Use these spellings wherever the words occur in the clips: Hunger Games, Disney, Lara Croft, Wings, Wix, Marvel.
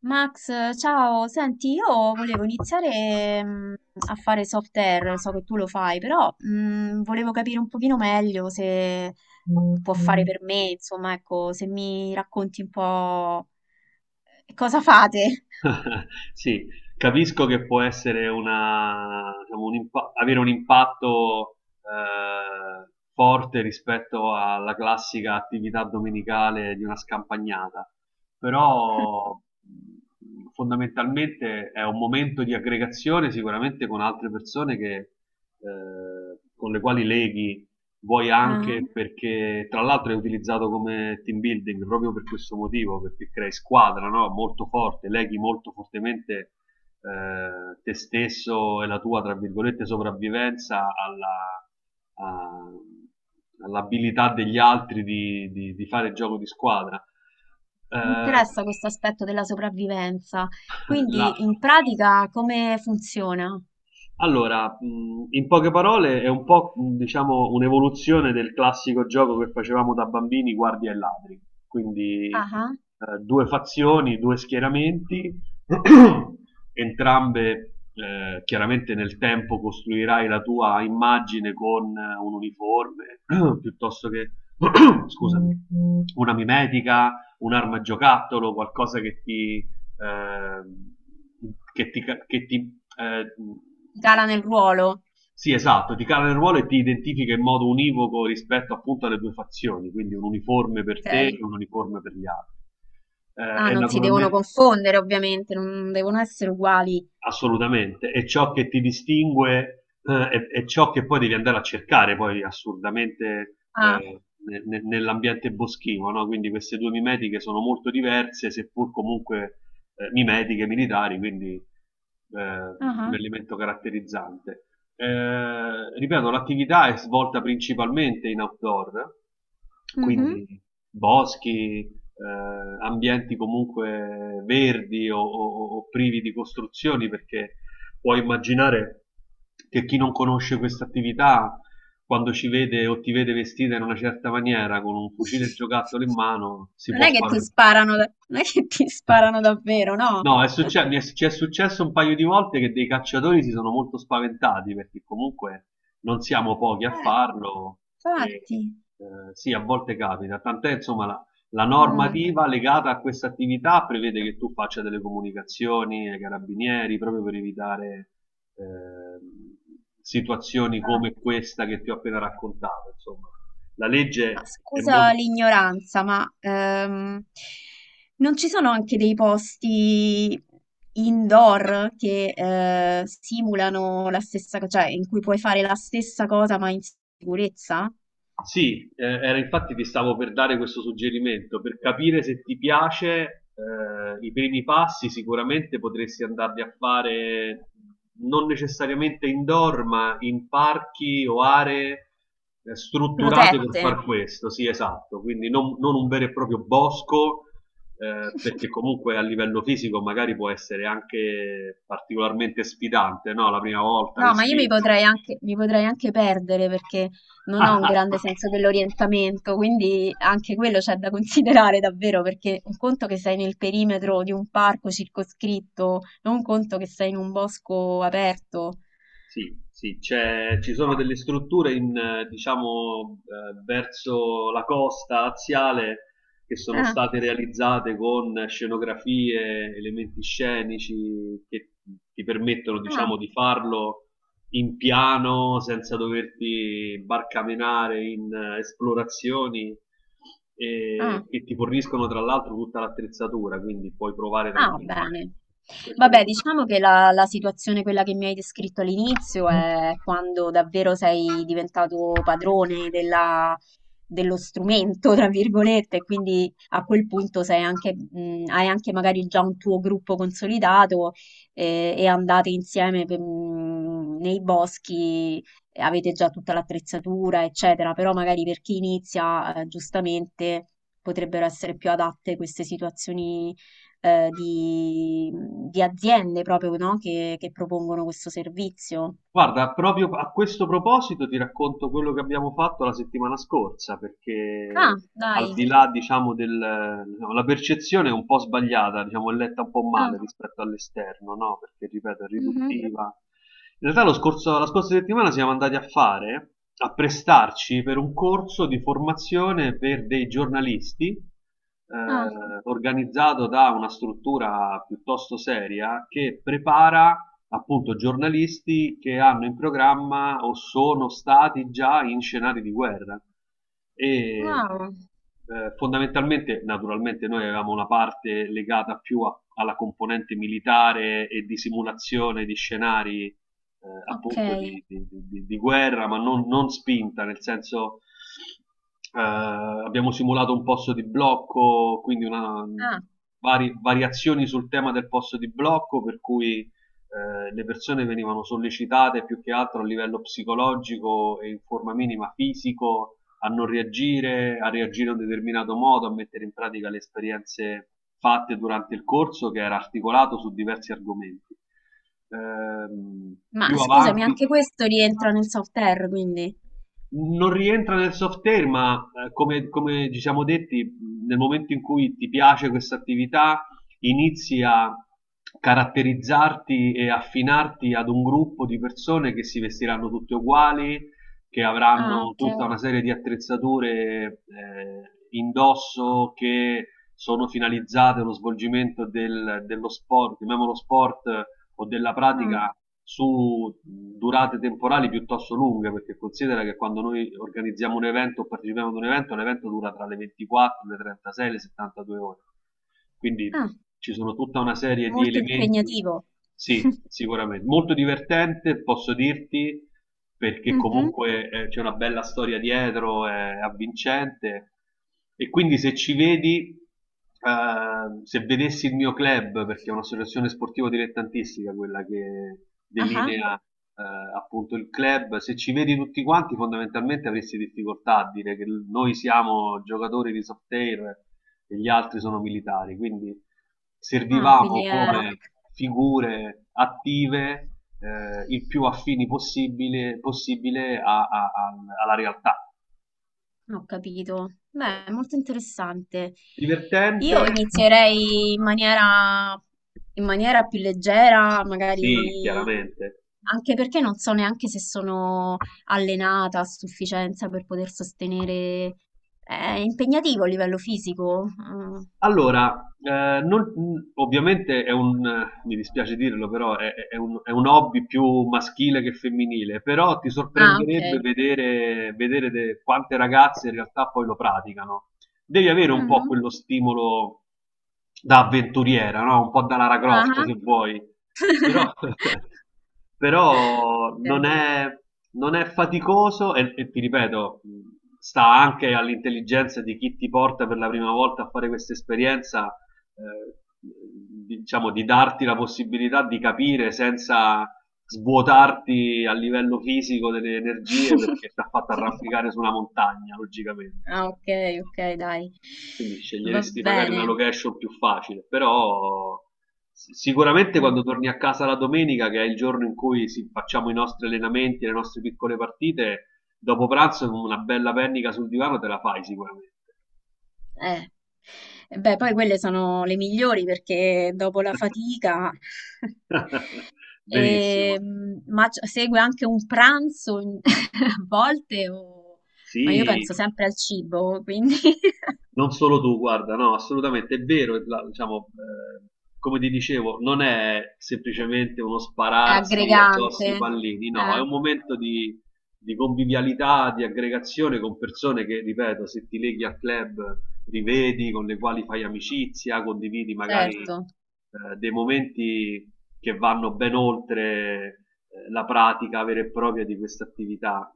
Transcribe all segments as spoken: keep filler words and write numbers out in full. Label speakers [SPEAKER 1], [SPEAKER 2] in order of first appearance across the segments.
[SPEAKER 1] Max, ciao, senti, io volevo iniziare mm, a fare software, so che tu lo fai, però mm, volevo capire un pochino meglio se può fare per me, insomma, ecco, se mi racconti un po' cosa fate.
[SPEAKER 2] Sì, capisco che può essere una, diciamo, un impa- avere un impatto eh, forte rispetto alla classica attività domenicale di una scampagnata, però mh, fondamentalmente è un momento di aggregazione sicuramente con altre persone che, eh, con le quali leghi. Vuoi
[SPEAKER 1] Ah,
[SPEAKER 2] anche perché, tra l'altro, è utilizzato come team building proprio per questo motivo, perché crei squadra, no? Molto forte, leghi molto fortemente eh, te stesso e la tua, tra virgolette, sopravvivenza alla, a- all'abilità degli altri di, di- di fare gioco di squadra.
[SPEAKER 1] mi
[SPEAKER 2] Eh,
[SPEAKER 1] interessa questo aspetto della sopravvivenza,
[SPEAKER 2] la,
[SPEAKER 1] quindi in pratica come funziona?
[SPEAKER 2] Allora, mhmm, in poche parole è un po', mhmm, diciamo un'evoluzione del classico gioco che facevamo da bambini, guardie e ladri. Quindi,
[SPEAKER 1] Ah,
[SPEAKER 2] ehm, due fazioni, due schieramenti, entrambe ehm, chiaramente nel tempo costruirai la tua immagine con un uniforme, piuttosto che scusami, una mimetica, un'arma a giocattolo, qualcosa che ti ehm, che ti ca che ti ehm
[SPEAKER 1] Gala nel ruolo,
[SPEAKER 2] sì, esatto, ti cala nel ruolo e ti identifica in modo univoco rispetto appunto alle due fazioni, quindi un uniforme per te
[SPEAKER 1] ok.
[SPEAKER 2] e un uniforme per gli altri. Eh,
[SPEAKER 1] Ah,
[SPEAKER 2] e
[SPEAKER 1] non si devono
[SPEAKER 2] naturalmente,
[SPEAKER 1] confondere, ovviamente, non devono essere uguali.
[SPEAKER 2] assolutamente, è ciò che ti distingue, eh, è, è ciò che poi devi andare a cercare poi assurdamente
[SPEAKER 1] Ah,
[SPEAKER 2] eh, ne- ne- nell'ambiente boschivo, no? Quindi queste due mimetiche sono molto diverse, seppur comunque eh, mimetiche militari, quindi eh, un
[SPEAKER 1] ah.
[SPEAKER 2] elemento caratterizzante. Eh, ripeto, l'attività è svolta principalmente in outdoor,
[SPEAKER 1] Mhm.
[SPEAKER 2] quindi boschi, eh, ambienti comunque verdi o, o- o privi di costruzioni, perché puoi immaginare che chi non conosce questa attività, quando ci vede o ti vede vestita in una certa maniera, con un fucile giocattolo in mano, si
[SPEAKER 1] Non
[SPEAKER 2] può
[SPEAKER 1] è che ti
[SPEAKER 2] spaventare.
[SPEAKER 1] sparano, da- non è che ti sparano davvero, no?
[SPEAKER 2] No, è
[SPEAKER 1] Eh,
[SPEAKER 2] succe- mi è- ci è successo un paio di volte che dei cacciatori si sono molto spaventati perché comunque non siamo pochi a farlo e
[SPEAKER 1] infatti.
[SPEAKER 2] eh, sì, a volte capita. Tant'è, insomma, la, la
[SPEAKER 1] Mm.
[SPEAKER 2] normativa legata a questa attività prevede che tu faccia delle comunicazioni ai carabinieri proprio per evitare ehm, situazioni come questa che ti ho appena raccontato. Insomma, la
[SPEAKER 1] Ma
[SPEAKER 2] legge è
[SPEAKER 1] scusa
[SPEAKER 2] molto...
[SPEAKER 1] l'ignoranza, ma ehm, non ci sono anche dei posti indoor che eh, simulano la stessa cosa, cioè in cui puoi fare la stessa cosa ma in sicurezza?
[SPEAKER 2] Sì, eh, era infatti ti stavo per dare questo suggerimento, per capire se ti piace, eh, i primi passi sicuramente potresti andarli a fare non necessariamente indoor, ma in parchi o aree eh, strutturate per
[SPEAKER 1] Protette.
[SPEAKER 2] far questo, sì, esatto, quindi non, non un vero e proprio bosco, eh, perché comunque a livello fisico magari può essere anche particolarmente sfidante, no? La prima volta
[SPEAKER 1] No, ma io mi
[SPEAKER 2] vestirsi.
[SPEAKER 1] potrei anche, mi potrei anche perdere perché non ho un grande senso dell'orientamento, quindi anche quello c'è da considerare davvero, perché un conto che sei nel perimetro di un parco circoscritto, non un conto che sei in un bosco aperto.
[SPEAKER 2] Sì, sì, c'è- ci sono
[SPEAKER 1] Ah,
[SPEAKER 2] delle strutture in, eh, diciamo, eh, verso la costa aziale che sono
[SPEAKER 1] ah,
[SPEAKER 2] state realizzate con scenografie, elementi scenici che ti permettono,
[SPEAKER 1] ah.
[SPEAKER 2] diciamo, di farlo in piano senza doverti barcamenare in eh, esplorazioni
[SPEAKER 1] Ah.
[SPEAKER 2] e che ti forniscono tra l'altro tutta l'attrezzatura, quindi puoi provare
[SPEAKER 1] Ah,
[SPEAKER 2] tranquillamente.
[SPEAKER 1] bene.
[SPEAKER 2] Questo
[SPEAKER 1] Vabbè,
[SPEAKER 2] dopo.
[SPEAKER 1] diciamo che la, la situazione, quella che mi hai descritto all'inizio, è quando davvero sei diventato padrone della- dello strumento, tra virgolette, e quindi a quel punto sei anche, mh, hai anche magari già un tuo gruppo consolidato eh, e andate insieme per- mh, nei boschi, e avete già tutta l'attrezzatura, eccetera, però magari per chi inizia, eh, giustamente, potrebbero essere più adatte queste situazioni eh, di, di aziende proprio, no? Che, che propongono questo servizio.
[SPEAKER 2] Guarda, proprio a questo proposito ti racconto quello che abbiamo fatto la settimana scorsa,
[SPEAKER 1] Ah,
[SPEAKER 2] perché al
[SPEAKER 1] dai.
[SPEAKER 2] di là, diciamo, del, diciamo, la percezione è un po' sbagliata, diciamo, è letta un po' male
[SPEAKER 1] Ah,
[SPEAKER 2] rispetto all'esterno, no? Perché, ripeto, è
[SPEAKER 1] mhm.
[SPEAKER 2] riduttiva. In realtà lo scorso- la scorsa settimana siamo andati a fare, a prestarci per un corso di formazione per dei giornalisti,
[SPEAKER 1] Ah,
[SPEAKER 2] eh, organizzato da una struttura piuttosto seria che prepara appunto giornalisti che hanno in programma o sono stati già in scenari di guerra. E eh,
[SPEAKER 1] wow.
[SPEAKER 2] Fondamentalmente, naturalmente, noi avevamo una parte legata più a- alla componente militare e di simulazione di scenari eh,
[SPEAKER 1] Ok.
[SPEAKER 2] appunto di, di- di- di guerra, ma non, non spinta, nel senso. Eh, abbiamo simulato un posto di blocco, quindi una,
[SPEAKER 1] Ah,
[SPEAKER 2] vari- variazioni sul tema del posto di blocco, per cui eh, le persone venivano sollecitate più che altro a livello psicologico e in forma minima fisico a non reagire, a reagire in un determinato modo, a mettere in pratica le esperienze fatte durante il corso che era articolato su diversi argomenti. Ehm,
[SPEAKER 1] ma
[SPEAKER 2] Più
[SPEAKER 1] scusami,
[SPEAKER 2] avanti,
[SPEAKER 1] anche questo rientra nel software, quindi.
[SPEAKER 2] non rientra nel software, ma eh, come come ci siamo detti, mhmm, nel momento in cui ti piace questa attività, inizi a caratterizzarti e affinarti ad un gruppo di persone che si vestiranno tutte uguali, che
[SPEAKER 1] Ah,
[SPEAKER 2] avranno
[SPEAKER 1] ok.
[SPEAKER 2] tutta una serie di attrezzature eh, indosso che sono finalizzate allo svolgimento del- dello sport, chiamiamolo sport eh, o della
[SPEAKER 1] Ah,
[SPEAKER 2] pratica su durate temporali piuttosto lunghe, perché considera che quando noi organizziamo un evento o partecipiamo ad un evento, l'evento dura tra le ventiquattro, le trentasei e le settantadue ore. Quindi
[SPEAKER 1] ah,
[SPEAKER 2] ci sono tutta una serie di
[SPEAKER 1] molto
[SPEAKER 2] elementi.
[SPEAKER 1] impegnativo.
[SPEAKER 2] Sì, sicuramente. Molto divertente, posso dirti, perché
[SPEAKER 1] Mhm.
[SPEAKER 2] comunque eh, c'è una bella storia dietro, è avvincente. E quindi se ci vedi, eh, se vedessi il mio club, perché è un'associazione sportiva dilettantistica quella che
[SPEAKER 1] Ah,
[SPEAKER 2] delinea eh, appunto il club, se ci vedi tutti quanti, fondamentalmente avresti difficoltà a dire che noi siamo giocatori di soft air e gli altri sono militari, quindi
[SPEAKER 1] ah, ah, quindi
[SPEAKER 2] servivamo
[SPEAKER 1] è...
[SPEAKER 2] come figure attive eh, il più affini possibile, possibile a- a- a- alla realtà.
[SPEAKER 1] Ho capito.
[SPEAKER 2] Eh,
[SPEAKER 1] Beh, è molto interessante.
[SPEAKER 2] Divertente?
[SPEAKER 1] Io inizierei in maniera, in maniera più leggera,
[SPEAKER 2] Sì,
[SPEAKER 1] magari
[SPEAKER 2] chiaramente.
[SPEAKER 1] anche perché non so neanche se sono allenata a sufficienza per poter sostenere. È impegnativo a livello fisico. Mm.
[SPEAKER 2] Allora, eh, non- mh, ovviamente è un, eh, mi dispiace dirlo, però è, è- è un, è un hobby più maschile che femminile, però ti
[SPEAKER 1] Ah,
[SPEAKER 2] sorprenderebbe
[SPEAKER 1] ok.
[SPEAKER 2] vedere, vedere de- quante ragazze in realtà poi lo praticano. Devi avere un po'
[SPEAKER 1] Mhm.
[SPEAKER 2] quello stimolo da avventuriera, no, un po' da Lara
[SPEAKER 1] Ah,
[SPEAKER 2] Croft
[SPEAKER 1] ah.
[SPEAKER 2] se vuoi, però però non
[SPEAKER 1] Ok.
[SPEAKER 2] è non è faticoso e e ti ripeto, mhmm, sta anche all'intelligenza di chi ti porta per la prima volta a fare questa esperienza, ehm, mhmm, diciamo di darti la possibilità di capire senza svuotarti a livello fisico delle energie perché t'ha fatto arrampicare su una montagna logicamente,
[SPEAKER 1] Ah, ok, ok, dai.
[SPEAKER 2] quindi
[SPEAKER 1] Va
[SPEAKER 2] sceglieresti magari una
[SPEAKER 1] bene.
[SPEAKER 2] location più facile, però si- sicuramente quando
[SPEAKER 1] Mm.
[SPEAKER 2] torni a casa la domenica, che è il giorno in cui si- facciamo i nostri allenamenti, le nostre piccole partite, dopo pranzo con una bella pennica sul divano te la fai sicuramente.
[SPEAKER 1] Eh. E beh, poi quelle sono le migliori perché dopo la fatica
[SPEAKER 2] Benissimo.
[SPEAKER 1] Ehm, ma c- segue anche un pranzo in- a volte, o- ma io
[SPEAKER 2] Sì,
[SPEAKER 1] penso sempre al cibo, quindi
[SPEAKER 2] non solo tu, guarda, no, assolutamente è vero, la- diciamo, eh, come ti dicevo, non è semplicemente uno
[SPEAKER 1] è
[SPEAKER 2] spararsi addosso i
[SPEAKER 1] aggregante.
[SPEAKER 2] pallini, no, è
[SPEAKER 1] Eh,
[SPEAKER 2] un momento di, di convivialità, di aggregazione con persone che, ripeto, se ti leghi al club rivedi, con le quali fai amicizia, condividi magari
[SPEAKER 1] certo.
[SPEAKER 2] eh, dei momenti che vanno ben oltre eh, la pratica vera e propria di questa attività.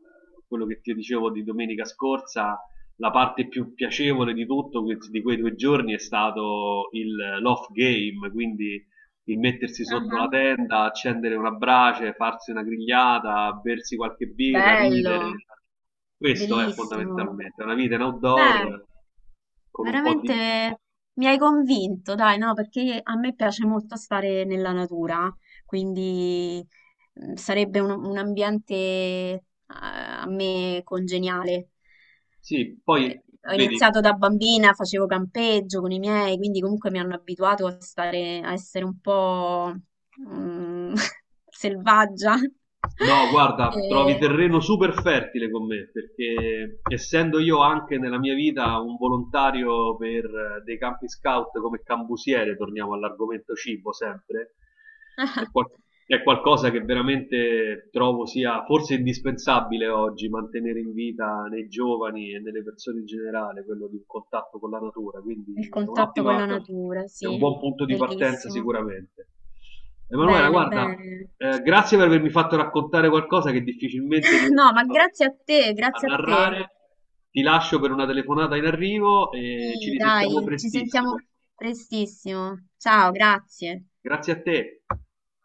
[SPEAKER 2] Quello che ti dicevo di domenica scorsa, la parte più piacevole di tutto que- di quei due giorni è stato il- l'off game, quindi il mettersi sotto la
[SPEAKER 1] Ah,
[SPEAKER 2] tenda, accendere una brace, farsi una grigliata, bersi qualche birra,
[SPEAKER 1] bello,
[SPEAKER 2] ridere. Questo è
[SPEAKER 1] bellissimo.
[SPEAKER 2] fondamentalmente una vita in
[SPEAKER 1] Beh.
[SPEAKER 2] outdoor con un po' di...
[SPEAKER 1] Veramente mi hai convinto, dai, no, perché a me piace molto stare nella natura, quindi mm, sarebbe un, un ambiente eh, a me congeniale.
[SPEAKER 2] Sì,
[SPEAKER 1] Eh,
[SPEAKER 2] poi
[SPEAKER 1] Ho
[SPEAKER 2] vedi,
[SPEAKER 1] iniziato da bambina, facevo campeggio con i miei, quindi comunque mi hanno abituato a stare, a essere un po' mm, selvaggia.
[SPEAKER 2] no, guarda, trovi
[SPEAKER 1] E-
[SPEAKER 2] terreno super fertile con me, perché essendo io anche nella mia vita un volontario per eh, dei campi scout come cambusiere, torniamo all'argomento cibo sempre, è, qual- è qualcosa che veramente trovo sia forse indispensabile oggi mantenere in vita nei giovani e nelle persone in generale, quello di un contatto con la natura,
[SPEAKER 1] Il
[SPEAKER 2] quindi è
[SPEAKER 1] contatto con la
[SPEAKER 2] un'ottima,
[SPEAKER 1] natura,
[SPEAKER 2] è un
[SPEAKER 1] sì,
[SPEAKER 2] buon punto di partenza
[SPEAKER 1] bellissimo.
[SPEAKER 2] sicuramente. Emanuela,
[SPEAKER 1] Bene,
[SPEAKER 2] guarda,
[SPEAKER 1] bene.
[SPEAKER 2] eh, grazie per avermi fatto raccontare qualcosa che difficilmente riesco
[SPEAKER 1] No, ma grazie a te,
[SPEAKER 2] a
[SPEAKER 1] grazie a te.
[SPEAKER 2] narrare. Ti lascio per una telefonata in arrivo e ci
[SPEAKER 1] Sì,
[SPEAKER 2] risentiamo
[SPEAKER 1] dai, ci sentiamo
[SPEAKER 2] prestissimo.
[SPEAKER 1] prestissimo. Ciao, grazie.
[SPEAKER 2] Grazie a te.